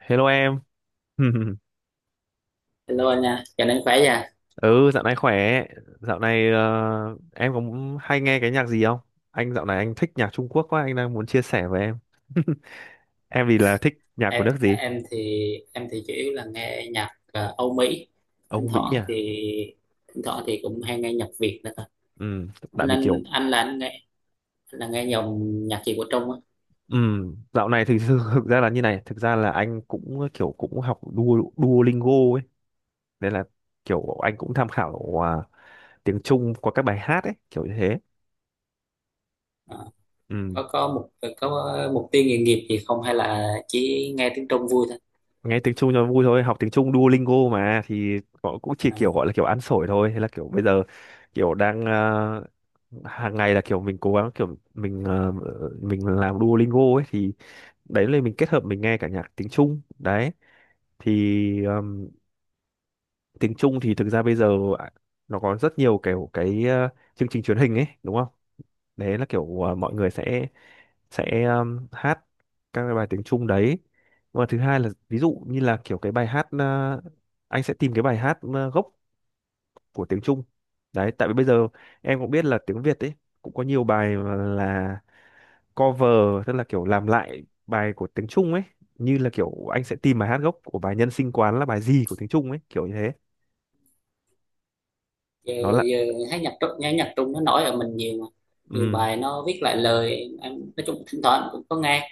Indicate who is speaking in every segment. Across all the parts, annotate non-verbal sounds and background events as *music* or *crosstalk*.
Speaker 1: Hello em. *laughs*
Speaker 2: Hello anh nha, chào anh khỏe nha.
Speaker 1: Ừ, dạo này khỏe. Dạo này em có hay nghe cái nhạc gì không? Anh dạo này anh thích nhạc Trung Quốc quá, anh đang muốn chia sẻ với em. *laughs* Em thì là thích nhạc của
Speaker 2: Em
Speaker 1: nước gì?
Speaker 2: em thì em thì chủ yếu là nghe nhạc Âu Mỹ. Thỉnh
Speaker 1: Âu Mỹ
Speaker 2: thoảng thì
Speaker 1: à?
Speaker 2: thỉnh thoảng thì cũng hay nghe nhạc Việt nữa thôi.
Speaker 1: Ừ,
Speaker 2: Anh
Speaker 1: tại vì
Speaker 2: anh
Speaker 1: kiểu
Speaker 2: anh là anh nghe là nghe dòng nhạc gì của Trung á?
Speaker 1: ừ, dạo này thực sự thực ra là như này, thực ra là anh cũng kiểu cũng học Duolingo ấy, nên là kiểu anh cũng tham khảo tiếng Trung qua các bài hát ấy, kiểu như thế.
Speaker 2: Ờ,
Speaker 1: Ừ.
Speaker 2: có có mục tiêu nghề nghiệp gì không hay là chỉ nghe tiếng Trung vui thôi?
Speaker 1: Nghe tiếng Trung cho vui thôi, học tiếng Trung Duolingo mà thì họ cũng chỉ
Speaker 2: À,
Speaker 1: kiểu gọi là kiểu ăn sổi thôi, thế là kiểu bây giờ kiểu đang hàng ngày là kiểu mình cố gắng, kiểu mình mình làm Duolingo ấy thì đấy là mình kết hợp mình nghe cả nhạc tiếng Trung đấy thì tiếng Trung thì thực ra bây giờ à, nó có rất nhiều kiểu cái chương trình truyền hình ấy đúng không, đấy là kiểu mọi người sẽ hát các cái bài tiếng Trung đấy, và thứ hai là ví dụ như là kiểu cái bài hát anh sẽ tìm cái bài hát gốc của tiếng Trung. Đấy, tại vì bây giờ em cũng biết là tiếng Việt ấy cũng có nhiều bài mà là cover, tức là kiểu làm lại bài của tiếng Trung ấy, như là kiểu anh sẽ tìm bài hát gốc của bài Nhân sinh quán là bài gì của tiếng Trung ấy, kiểu như thế.
Speaker 2: giờ,
Speaker 1: Nó là
Speaker 2: giờ thấy nhạc Trung nghe nhạc Trung nó nổi ở mình nhiều mà. Nhiều
Speaker 1: ừ,
Speaker 2: bài nó viết lại lời, em nói chung thỉnh thoảng cũng có nghe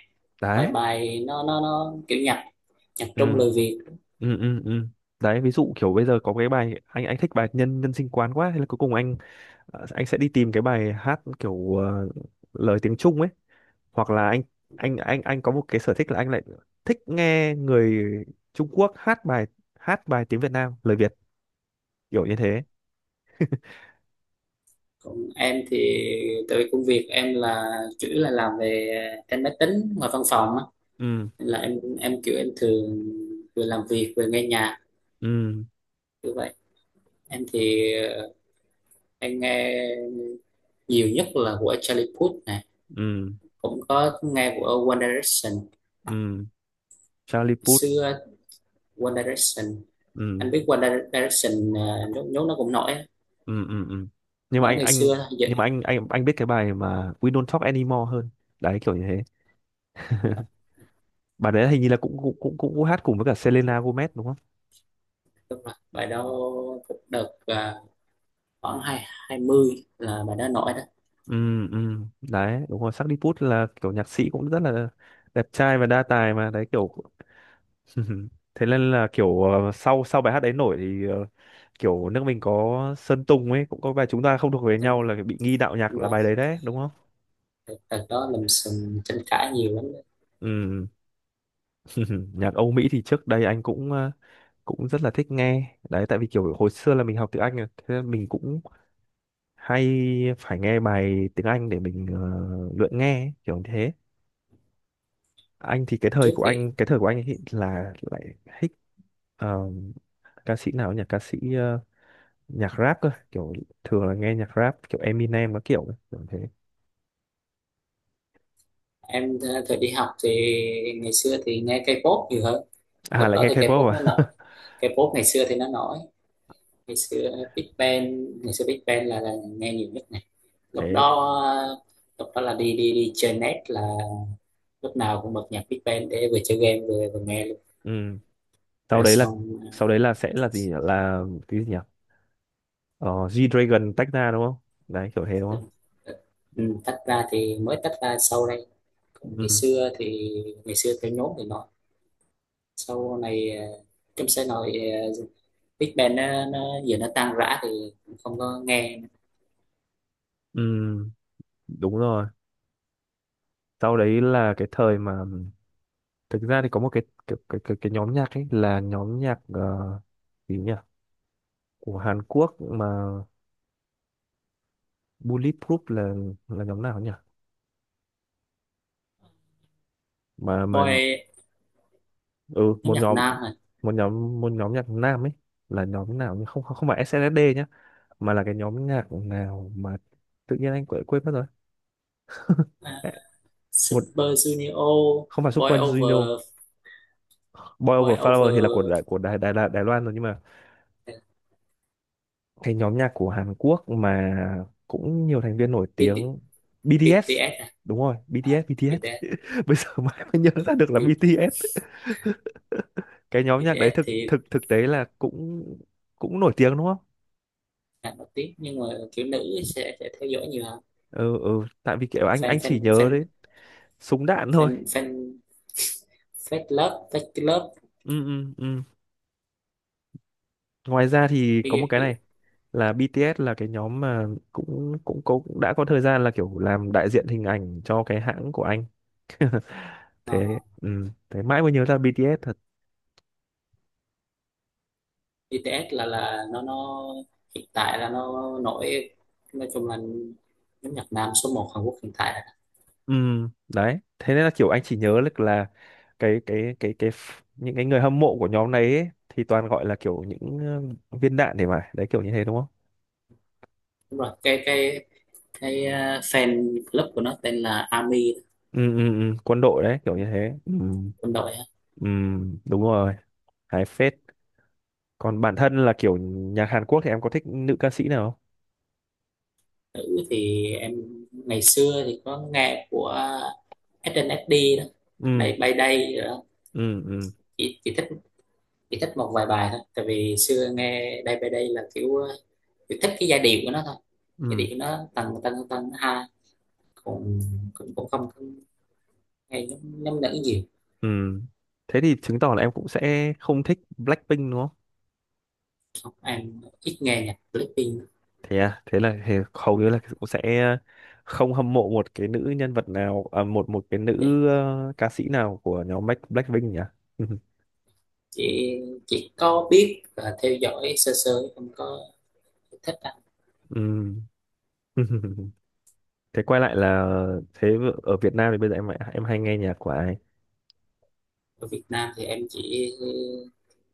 Speaker 2: vài
Speaker 1: đấy,
Speaker 2: bài, nó kiểu nhạc nhạc
Speaker 1: ừ
Speaker 2: Trung lời Việt.
Speaker 1: ừ ừ ừ, đấy, ví dụ kiểu bây giờ có cái bài, anh thích bài nhân nhân sinh quán quá, thế là cuối cùng anh anh sẽ đi tìm cái bài hát kiểu lời tiếng Trung ấy, hoặc là anh anh có một cái sở thích là anh lại thích nghe người Trung Quốc hát bài tiếng Việt Nam lời Việt, kiểu như thế.
Speaker 2: Còn em thì tại vì công việc em là chủ yếu là làm về trên máy tính ngoài văn phòng á,
Speaker 1: Ừ
Speaker 2: nên là em kiểu em thường vừa làm việc vừa nghe nhạc
Speaker 1: ừ
Speaker 2: như vậy. Em thì em nhiều nhất là của Charlie Puth này,
Speaker 1: ừ
Speaker 2: cũng có nghe của One Direction
Speaker 1: ừ, Charlie Puth,
Speaker 2: xưa. One Direction,
Speaker 1: ừ
Speaker 2: anh biết One Direction nhốt nhốt nó cũng nổi á.
Speaker 1: ừ ừ ừ, nhưng mà
Speaker 2: Nổi
Speaker 1: anh
Speaker 2: ngày
Speaker 1: anh
Speaker 2: xưa thôi
Speaker 1: nhưng mà
Speaker 2: vậy.
Speaker 1: anh biết cái bài mà We Don't Talk Anymore hơn. Đấy, kiểu như thế.
Speaker 2: Đúng
Speaker 1: Bà đấy hình như là cũng cũng cũng cũng, cũng hát cùng với cả Selena Gomez đúng không?
Speaker 2: rồi, bài đó cũng đợt khoảng hai hai mươi là bài đó nổi đó.
Speaker 1: Ừ ừ, đấy đúng rồi, Sardi Puth là kiểu nhạc sĩ cũng rất là đẹp trai và đa tài mà, đấy kiểu *laughs* thế nên là kiểu sau sau bài hát đấy nổi thì kiểu nước mình có Sơn Tùng ấy cũng có bài Chúng ta không thuộc về nhau là bị nghi đạo nhạc,
Speaker 2: Đúng
Speaker 1: là
Speaker 2: rồi.
Speaker 1: bài đấy đấy đúng không.
Speaker 2: Thật thật đó, lùm xùm tranh cãi nhiều lắm đó.
Speaker 1: Ừ *laughs* nhạc Âu Mỹ thì trước đây anh cũng cũng rất là thích nghe đấy, tại vì kiểu hồi xưa là mình học tiếng Anh rồi, thế nên mình cũng hay phải nghe bài tiếng Anh để mình luyện nghe ấy, kiểu như thế. Anh thì cái
Speaker 2: Trước
Speaker 1: thời của
Speaker 2: thì
Speaker 1: anh, cái thời của anh ấy là lại thích ờ, ca sĩ nào nhỉ, ca sĩ nhạc rap cơ, kiểu thường là nghe nhạc rap kiểu Eminem các kiểu ấy, kiểu thế.
Speaker 2: em thời đi học thì ngày xưa thì nghe K-pop nhiều hơn. Lúc
Speaker 1: À lại
Speaker 2: đó
Speaker 1: nghe
Speaker 2: thì
Speaker 1: K-pop
Speaker 2: K-pop nó
Speaker 1: à?
Speaker 2: nổi,
Speaker 1: *laughs*
Speaker 2: K-pop ngày xưa thì nó nổi. Ngày xưa Big Bang, ngày xưa Big Bang là nghe nhiều nhất này. Lúc
Speaker 1: Thế
Speaker 2: đó ờ, lúc đó là đi đi đi chơi net là lúc nào cũng bật nhạc Big Bang để vừa chơi game vừa vừa nghe luôn.
Speaker 1: ừ. Sau
Speaker 2: Rồi
Speaker 1: đấy là,
Speaker 2: xong.
Speaker 1: sau đấy là sẽ là gì nhỉ? Là cái gì nhỉ, ờ, G-Dragon tách ra đúng không, đấy kiểu thế đúng
Speaker 2: ờ,
Speaker 1: không.
Speaker 2: ờ, ừ, tách ra thì mới tách ra sau đây. Còn ngày
Speaker 1: Ừ.
Speaker 2: xưa thì ngày xưa theo nhóm thì nó sau này trong xe nội ờ, Big Bang nó giờ nó tan rã thì cũng không có nghe.
Speaker 1: Ừ. Đúng rồi, sau đấy là cái thời mà thực ra thì có một cái nhóm nhạc ấy, là nhóm nhạc gì nhỉ, của Hàn Quốc mà Bulletproof là nhóm nào nhỉ, mà
Speaker 2: Boy,
Speaker 1: ừ,
Speaker 2: nhóm
Speaker 1: một
Speaker 2: nhạc
Speaker 1: nhóm,
Speaker 2: nam à,
Speaker 1: một nhóm, một nhóm nhạc nam ấy, là nhóm nào nhỉ? Không không không phải SNSD nhá, mà là cái nhóm nhạc nào mà tự nhiên anh quên quên mất rồi.
Speaker 2: à
Speaker 1: Ê, một,
Speaker 2: Super Junior,
Speaker 1: không phải
Speaker 2: Boy
Speaker 1: Super Junior,
Speaker 2: Over,
Speaker 1: Boy
Speaker 2: Boy
Speaker 1: Over Flower thì là
Speaker 2: Over,
Speaker 1: Của Đài Đài, Đài Loan rồi, nhưng mà
Speaker 2: à,
Speaker 1: cái nhóm nhạc của Hàn Quốc mà cũng nhiều thành viên nổi
Speaker 2: BT,
Speaker 1: tiếng, BTS,
Speaker 2: BTS
Speaker 1: đúng rồi,
Speaker 2: à, à
Speaker 1: BTS BTS
Speaker 2: BTS,
Speaker 1: *laughs* bây giờ mãi mới nhớ ra được là
Speaker 2: B-
Speaker 1: BTS. *laughs* Cái nhóm nhạc đấy
Speaker 2: BTS
Speaker 1: thực
Speaker 2: thì
Speaker 1: thực thực tế là cũng cũng nổi tiếng đúng không.
Speaker 2: là nổi tiếng nhưng mà kiểu nữ sẽ theo dõi nhiều hơn.
Speaker 1: Ừ ừ, tại vì kiểu anh
Speaker 2: fan
Speaker 1: anh
Speaker 2: fan
Speaker 1: chỉ nhớ
Speaker 2: fan
Speaker 1: đấy súng đạn thôi.
Speaker 2: fan fan *laughs* Fat Love Fat Love.
Speaker 1: Ừ ừ ừ, ngoài ra thì có một
Speaker 2: B,
Speaker 1: cái
Speaker 2: B,
Speaker 1: này là BTS là cái nhóm mà cũng cũng cũng đã có thời gian là kiểu làm đại diện hình ảnh cho cái hãng của anh. Thế ừ, thế mãi mới nhớ ra BTS thật.
Speaker 2: BTS là nó hiện tại là nó nổi, nói chung là nhóm nhạc nam số một Hàn Quốc hiện tại.
Speaker 1: Ừ, đấy. Thế nên là kiểu anh chỉ nhớ được là cái những cái người hâm mộ của nhóm này ấy thì toàn gọi là kiểu những viên đạn để mà, đấy kiểu như thế đúng không?
Speaker 2: Đúng rồi, cái fan club của nó tên là ARMY,
Speaker 1: Ừ, ừ, ừ, quân đội đấy, kiểu như thế. Ừ,
Speaker 2: quân đội á.
Speaker 1: ừ, đúng rồi, hài phết. Còn bản thân là kiểu nhạc Hàn Quốc thì em có thích nữ ca sĩ nào không?
Speaker 2: Nữ thì em ngày xưa thì có nghe của SNSD đó,
Speaker 1: Ừ,
Speaker 2: Day by đây rồi đó.
Speaker 1: ừ, ừ,
Speaker 2: chỉ, chỉ thích chỉ thích một vài bài thôi, tại vì xưa nghe đây by đây là kiểu chỉ thích cái giai điệu của nó thôi. Giai
Speaker 1: ừ,
Speaker 2: điệu nó tầng tầng tầng ha, cũng cũng cũng không không nghe nhóm nhóm nữ nhiều.
Speaker 1: ừ. Thế thì chứng tỏ là em cũng sẽ không thích Blackpink đúng không?
Speaker 2: Em ít nghe nhạc Blackpink lắm.
Speaker 1: Thế à, thế là thế hầu
Speaker 2: Ừ,
Speaker 1: như là cũng sẽ không hâm mộ một cái nữ nhân vật nào à, một, một cái nữ
Speaker 2: dạ.
Speaker 1: ca sĩ nào của nhóm Blackpink nhỉ. *laughs*
Speaker 2: chị chị có biết và theo dõi sơ sơ, không có thích anh.
Speaker 1: Ừm. *laughs* Thế quay lại là thế ở Việt Nam thì bây giờ em hay nghe nhạc của ai.
Speaker 2: Ở Việt Nam thì em chỉ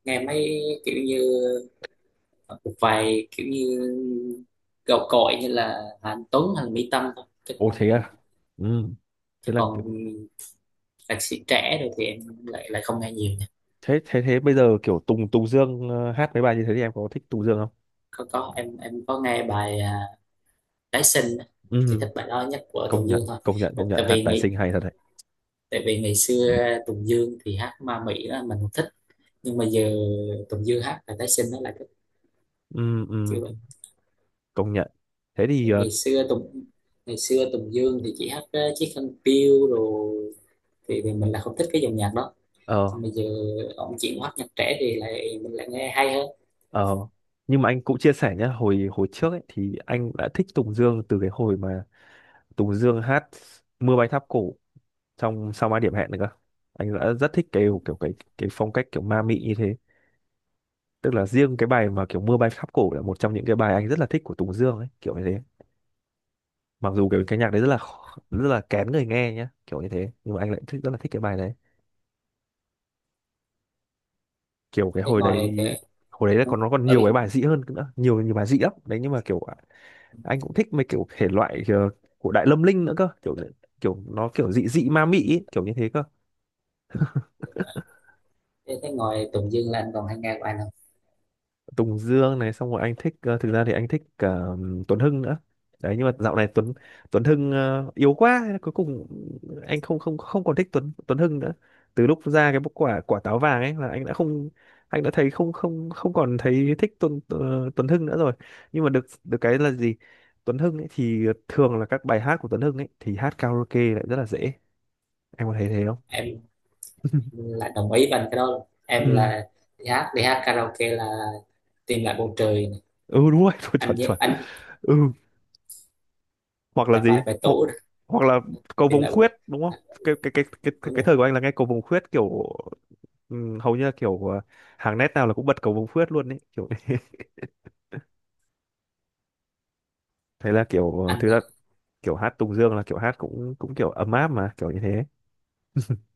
Speaker 2: nghe mấy kiểu như một vài kiểu như gạo cội như là Anh Tuấn hay là Mỹ Tâm thôi, chứ
Speaker 1: Ồ
Speaker 2: còn
Speaker 1: thế à. Ừm. Thế
Speaker 2: chứ
Speaker 1: là kiểu-
Speaker 2: còn nhạc sĩ trẻ rồi thì em lại lại không nghe nhiều nha.
Speaker 1: thế thế thế bây giờ kiểu Tùng Tùng Dương hát mấy bài như thế thì em có thích Tùng Dương không.
Speaker 2: Có, em có nghe bài à, Tái sinh á. Chị
Speaker 1: Ừm.
Speaker 2: thích bài đó nhất của
Speaker 1: Công
Speaker 2: Tùng
Speaker 1: nhận,
Speaker 2: Dương thôi.
Speaker 1: công nhận
Speaker 2: Tại
Speaker 1: công nhận hát tài sinh hay thật đấy.
Speaker 2: tại vì ngày xưa Tùng Dương thì hát ma Mỹ là mình không thích, nhưng mà giờ Tùng Dương hát là tái sinh nó lại thích.
Speaker 1: Ừm,
Speaker 2: Chưa
Speaker 1: ừm,
Speaker 2: vậy.
Speaker 1: công nhận. Thế thì ờ,
Speaker 2: ngày xưa Tùng ngày xưa Tùng Dương thì chỉ hát chiếc khăn piêu rồi thì mình là không thích cái dòng nhạc đó.
Speaker 1: ờ,
Speaker 2: Nhưng mà giờ ông chuyển qua hát nhạc trẻ thì mình lại nghe hay hơn.
Speaker 1: ờ, nhưng mà anh cũng chia sẻ nhé, hồi hồi trước ấy thì anh đã thích Tùng Dương từ cái hồi mà Tùng Dương hát Mưa bay tháp cổ trong Sao Mai Điểm Hẹn nữa cơ. Anh đã rất thích cái kiểu, kiểu cái phong cách kiểu ma mị như thế. Tức là riêng cái bài mà kiểu Mưa bay tháp cổ là một trong những cái bài anh rất là thích của Tùng Dương ấy, kiểu như thế. Mặc dù cái nhạc đấy rất là khó- rất là kén người nghe nhá, kiểu như thế, nhưng mà anh lại thích, rất là thích cái bài đấy. Kiểu cái
Speaker 2: Thế
Speaker 1: hồi
Speaker 2: ngồi thì
Speaker 1: đấy, hồi đấy là còn nó còn
Speaker 2: ở
Speaker 1: nhiều cái
Speaker 2: bên.
Speaker 1: bài dị hơn nữa, nhiều, nhiều bài dị lắm. Đấy, nhưng mà kiểu anh cũng thích mấy kiểu thể loại của Đại Lâm Linh nữa cơ, kiểu kiểu nó kiểu dị dị ma mị ý, kiểu như thế cơ.
Speaker 2: Thế, thế ngồi Tùng Dương là anh còn hay nghe của anh không?
Speaker 1: Tùng Dương này, xong rồi anh thích thực ra thì anh thích cả Tuấn Hưng nữa. Đấy, nhưng mà dạo này Tuấn, Tuấn Hưng yếu quá, cuối cùng anh không không không còn thích Tuấn Tuấn Hưng nữa. Từ lúc ra cái quả quả táo vàng ấy là anh đã không, anh đã thấy không không không còn thấy thích Tuấn Tuấn Hưng nữa rồi. Nhưng mà được được cái là gì, Tuấn Hưng ấy thì thường là các bài hát của Tuấn Hưng ấy thì hát karaoke lại rất là dễ, em có thấy thế không?
Speaker 2: Em
Speaker 1: *laughs*
Speaker 2: lại đồng ý với anh cái đó luôn. Em
Speaker 1: Ừ
Speaker 2: là đi hát karaoke là Tìm lại bầu trời này.
Speaker 1: ừ, đúng rồi *laughs* chuẩn, chuẩn
Speaker 2: Anh nhớ
Speaker 1: chuẩn
Speaker 2: anh
Speaker 1: Ừ, hoặc là
Speaker 2: là bài
Speaker 1: gì
Speaker 2: bài
Speaker 1: Ho,
Speaker 2: tủ.
Speaker 1: hoặc là cầu
Speaker 2: Thì
Speaker 1: vồng
Speaker 2: là
Speaker 1: khuyết đúng không,
Speaker 2: à,
Speaker 1: cái cái cái cái cái,
Speaker 2: đúng
Speaker 1: cái
Speaker 2: rồi.
Speaker 1: thời của anh là nghe cầu vồng khuyết, kiểu ừ, hầu như là kiểu hàng nét nào là cũng bật cầu vồng khuyết luôn, đấy kiểu thế. *laughs* Thế là kiểu
Speaker 2: Anh
Speaker 1: thực
Speaker 2: đã
Speaker 1: ra kiểu hát Tùng Dương là kiểu hát cũng, cũng kiểu ấm áp mà, kiểu như thế. *laughs*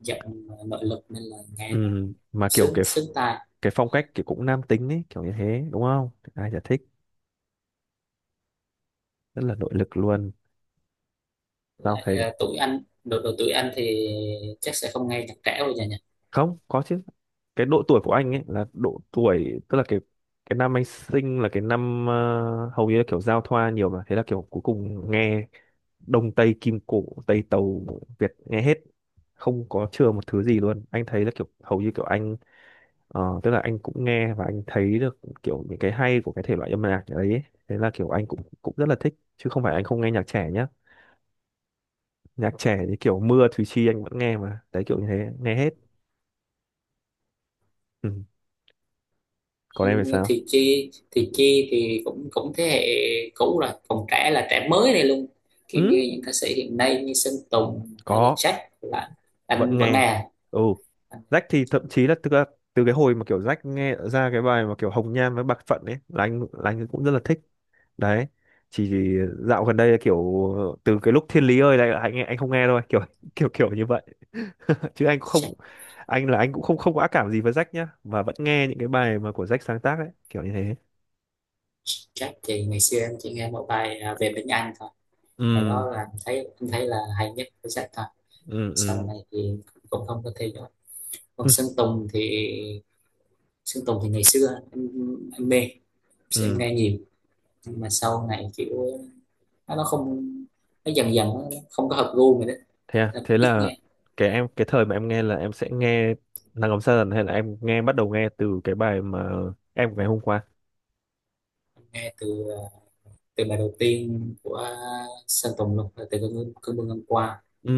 Speaker 2: giọng nội lực nên là
Speaker 1: Ừ,
Speaker 2: nghe nó
Speaker 1: mà kiểu
Speaker 2: sướng
Speaker 1: cái
Speaker 2: sướng tai.
Speaker 1: cái phong cách kiểu cũng nam tính ấy, kiểu như thế đúng không, ai chả thích, rất là nội lực luôn. Tao
Speaker 2: Lại
Speaker 1: thấy
Speaker 2: tuổi anh, độ độ tuổi anh thì chắc sẽ không nghe nhạc trẻ bây giờ nhỉ.
Speaker 1: không có chứ. Cái độ tuổi của anh ấy là độ tuổi, tức là cái năm anh sinh là cái năm hầu như là kiểu giao thoa nhiều mà, thế là kiểu cuối cùng nghe Đông Tây Kim Cổ Tây Tàu Việt nghe hết, không có chừa một thứ gì luôn. Anh thấy là kiểu hầu như kiểu anh tức là anh cũng nghe và anh thấy được kiểu những cái hay của cái thể loại âm nhạc đấy ấy. Thế là kiểu anh cũng cũng rất là thích, chứ không phải anh không nghe nhạc trẻ nhá. Nhạc trẻ thì kiểu mưa Thùy Chi anh vẫn nghe mà, đấy kiểu như thế, nghe hết. Ừ. Còn em
Speaker 2: Ừ,
Speaker 1: thì sao?
Speaker 2: thì chi thì cũng cũng thế hệ cũ rồi, còn trẻ là trẻ mới này luôn, kiểu
Speaker 1: Ừ,
Speaker 2: như những ca sĩ hiện nay như Sơn Tùng hay là
Speaker 1: có,
Speaker 2: Jack là anh
Speaker 1: vẫn
Speaker 2: vẫn nghe
Speaker 1: nghe,
Speaker 2: à?
Speaker 1: ừ.
Speaker 2: Anh
Speaker 1: Jack thì thậm chí là từ, từ cái hồi mà kiểu Jack nghe ra cái bài mà kiểu Hồng Nhan với Bạc Phận ấy là anh, là anh cũng rất là thích. Đấy chỉ dạo gần đây là kiểu từ cái lúc Thiên Lý ơi là anh không nghe thôi, kiểu *laughs* kiểu kiểu như vậy, chứ anh cũng không,
Speaker 2: Jack,
Speaker 1: anh là anh cũng không không có ác cảm gì với Jack nhá, mà vẫn nghe những cái bài mà của Jack sáng tác ấy, kiểu như thế.
Speaker 2: Jack thì ngày xưa em chỉ nghe một bài à, về bên Anh thôi. Bài
Speaker 1: Ừ
Speaker 2: đó là anh thấy là hay nhất của Jack thôi.
Speaker 1: ừ
Speaker 2: Sau
Speaker 1: ừ
Speaker 2: này thì cũng không có theo dõi. Còn Sơn
Speaker 1: *laughs*
Speaker 2: Tùng thì ngày xưa em mê, sẽ
Speaker 1: ừ.
Speaker 2: nghe nhiều, nhưng mà sau này kiểu nó nó không nó dần dần nó không có hợp gu mình đấy.
Speaker 1: Thế à?
Speaker 2: Nên là
Speaker 1: Thế
Speaker 2: cũng ít
Speaker 1: là
Speaker 2: nghe.
Speaker 1: cái em, cái thời mà em nghe là em sẽ nghe Nắng Ấm Sa Dần hay là em nghe bắt đầu nghe từ cái bài mà Em của ngày hôm qua.
Speaker 2: Nghe từ từ bài đầu tiên của Sơn Tùng luôn là từ cơn mưa, cơn mưa ngang qua,
Speaker 1: Ừ,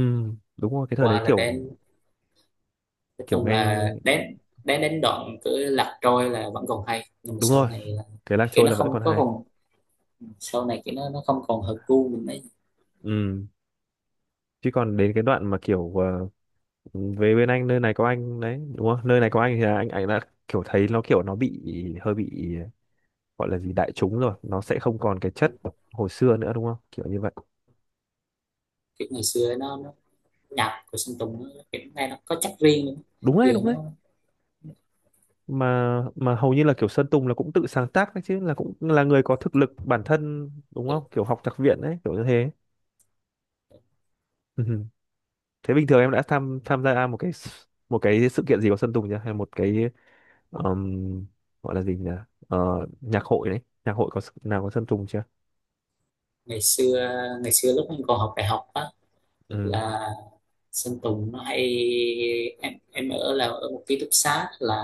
Speaker 1: đúng rồi, cái thời đấy
Speaker 2: qua là
Speaker 1: kiểu
Speaker 2: đến, nói
Speaker 1: kiểu
Speaker 2: chung
Speaker 1: nghe,
Speaker 2: là đến đến đến đoạn cứ Lạc trôi là vẫn còn hay, nhưng mà
Speaker 1: đúng
Speaker 2: sau
Speaker 1: rồi.
Speaker 2: này là
Speaker 1: Cái Lạc
Speaker 2: kiểu
Speaker 1: Trôi
Speaker 2: nó
Speaker 1: là vẫn
Speaker 2: không
Speaker 1: còn
Speaker 2: có
Speaker 1: hay.
Speaker 2: còn, sau này kiểu nó không còn hợp gu mình đấy.
Speaker 1: Ừ, chứ còn đến cái đoạn mà kiểu về bên anh, nơi này có anh đấy, đúng không? Nơi này có anh thì là anh đã kiểu thấy nó kiểu nó bị hơi bị gọi là gì, đại chúng rồi, nó sẽ không còn cái chất hồi xưa nữa đúng không? Kiểu như vậy.
Speaker 2: Kiểu ngày xưa nó nhạc của Sơn Tùng nó kiểu nghe nó có chất riêng luôn.
Speaker 1: Đúng đấy,
Speaker 2: Giờ
Speaker 1: đúng đấy.
Speaker 2: nó
Speaker 1: Mà hầu như là kiểu Sơn Tùng là cũng tự sáng tác đấy chứ, là cũng là người có thực lực bản thân đúng không, kiểu học nhạc viện đấy, kiểu như thế. Ừ. Thế bình thường em đã tham tham gia một cái một cái sự kiện gì của Sơn Tùng chưa, hay một cái um, gọi là gì nhỉ, ờ, nhạc hội đấy, nhạc hội có nào có Sơn Tùng chưa.
Speaker 2: ngày xưa ngày xưa lúc mình còn học đại học á
Speaker 1: Ừ
Speaker 2: là Sơn Tùng nó hay, em ở là ở một ký túc xá là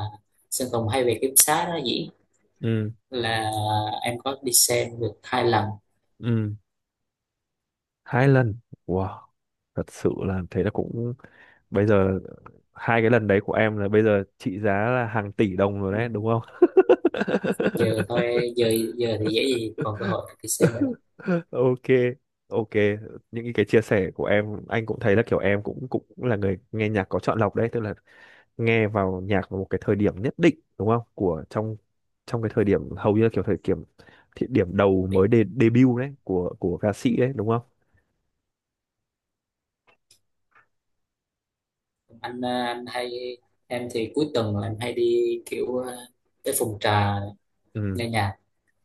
Speaker 2: Sơn Tùng hay về ký túc xá đó dĩ
Speaker 1: ừ
Speaker 2: là em có đi xem được hai lần.
Speaker 1: ừ, hai lần, wow, thật sự là, thế là cũng bây giờ hai cái lần đấy của em là bây giờ trị giá là hàng tỷ đồng rồi
Speaker 2: Ừ,
Speaker 1: đấy đúng không.
Speaker 2: giờ thôi giờ giờ thì dễ gì còn cơ hội đi xem rồi đó.
Speaker 1: *laughs* *laughs* Ok, ok, những cái chia sẻ của em anh cũng thấy là kiểu em cũng, cũng là người nghe nhạc có chọn lọc đấy, tức là nghe vào nhạc vào một cái thời điểm nhất định đúng không, của trong, trong cái thời điểm hầu như là kiểu thời điểm, thì điểm đầu
Speaker 2: Thì
Speaker 1: mới đề, debut đấy của ca sĩ đấy đúng không.
Speaker 2: anh hay. Em thì cuối tuần là em hay đi kiểu tới phòng trà
Speaker 1: Ừ
Speaker 2: nghe nhạc,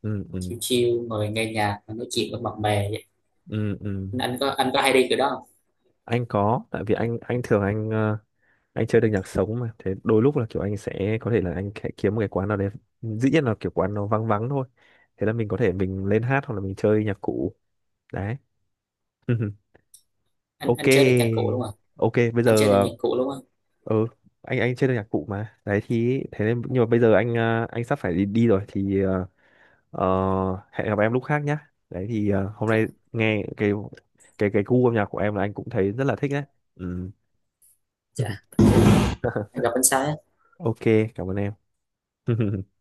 Speaker 1: ừ ừ
Speaker 2: chill chill, ngồi nghe nhạc và nói chuyện với bạn bè vậy.
Speaker 1: ừ ừ.
Speaker 2: Anh có anh có hay đi kiểu đó không?
Speaker 1: Anh có, tại vì anh thường anh anh chơi được nhạc sống mà, thế đôi lúc là kiểu anh sẽ có thể là anh sẽ kiếm một cái quán nào đấy, dĩ nhiên là kiểu quán nó vắng vắng thôi, thế là mình có thể mình lên hát hoặc là mình chơi nhạc cụ. Đấy *laughs*
Speaker 2: Anh
Speaker 1: ok,
Speaker 2: anh chơi được nhạc cụ đúng không?
Speaker 1: ok bây
Speaker 2: Anh chơi
Speaker 1: giờ
Speaker 2: được nhạc cụ đúng không?
Speaker 1: ừ anh chơi được nhạc cụ mà đấy, thì thế nên nhưng mà bây giờ anh anh sắp phải đi, đi rồi thì ờ, hẹn gặp em lúc khác nhá, đấy thì hôm
Speaker 2: Dạ,
Speaker 1: nay nghe cái cái gu âm nhạc của em là anh cũng thấy rất là thích đấy. Ừ.
Speaker 2: dạ.
Speaker 1: *laughs*
Speaker 2: Anh gặp anh sai á.
Speaker 1: Ok, cảm ơn em. *laughs*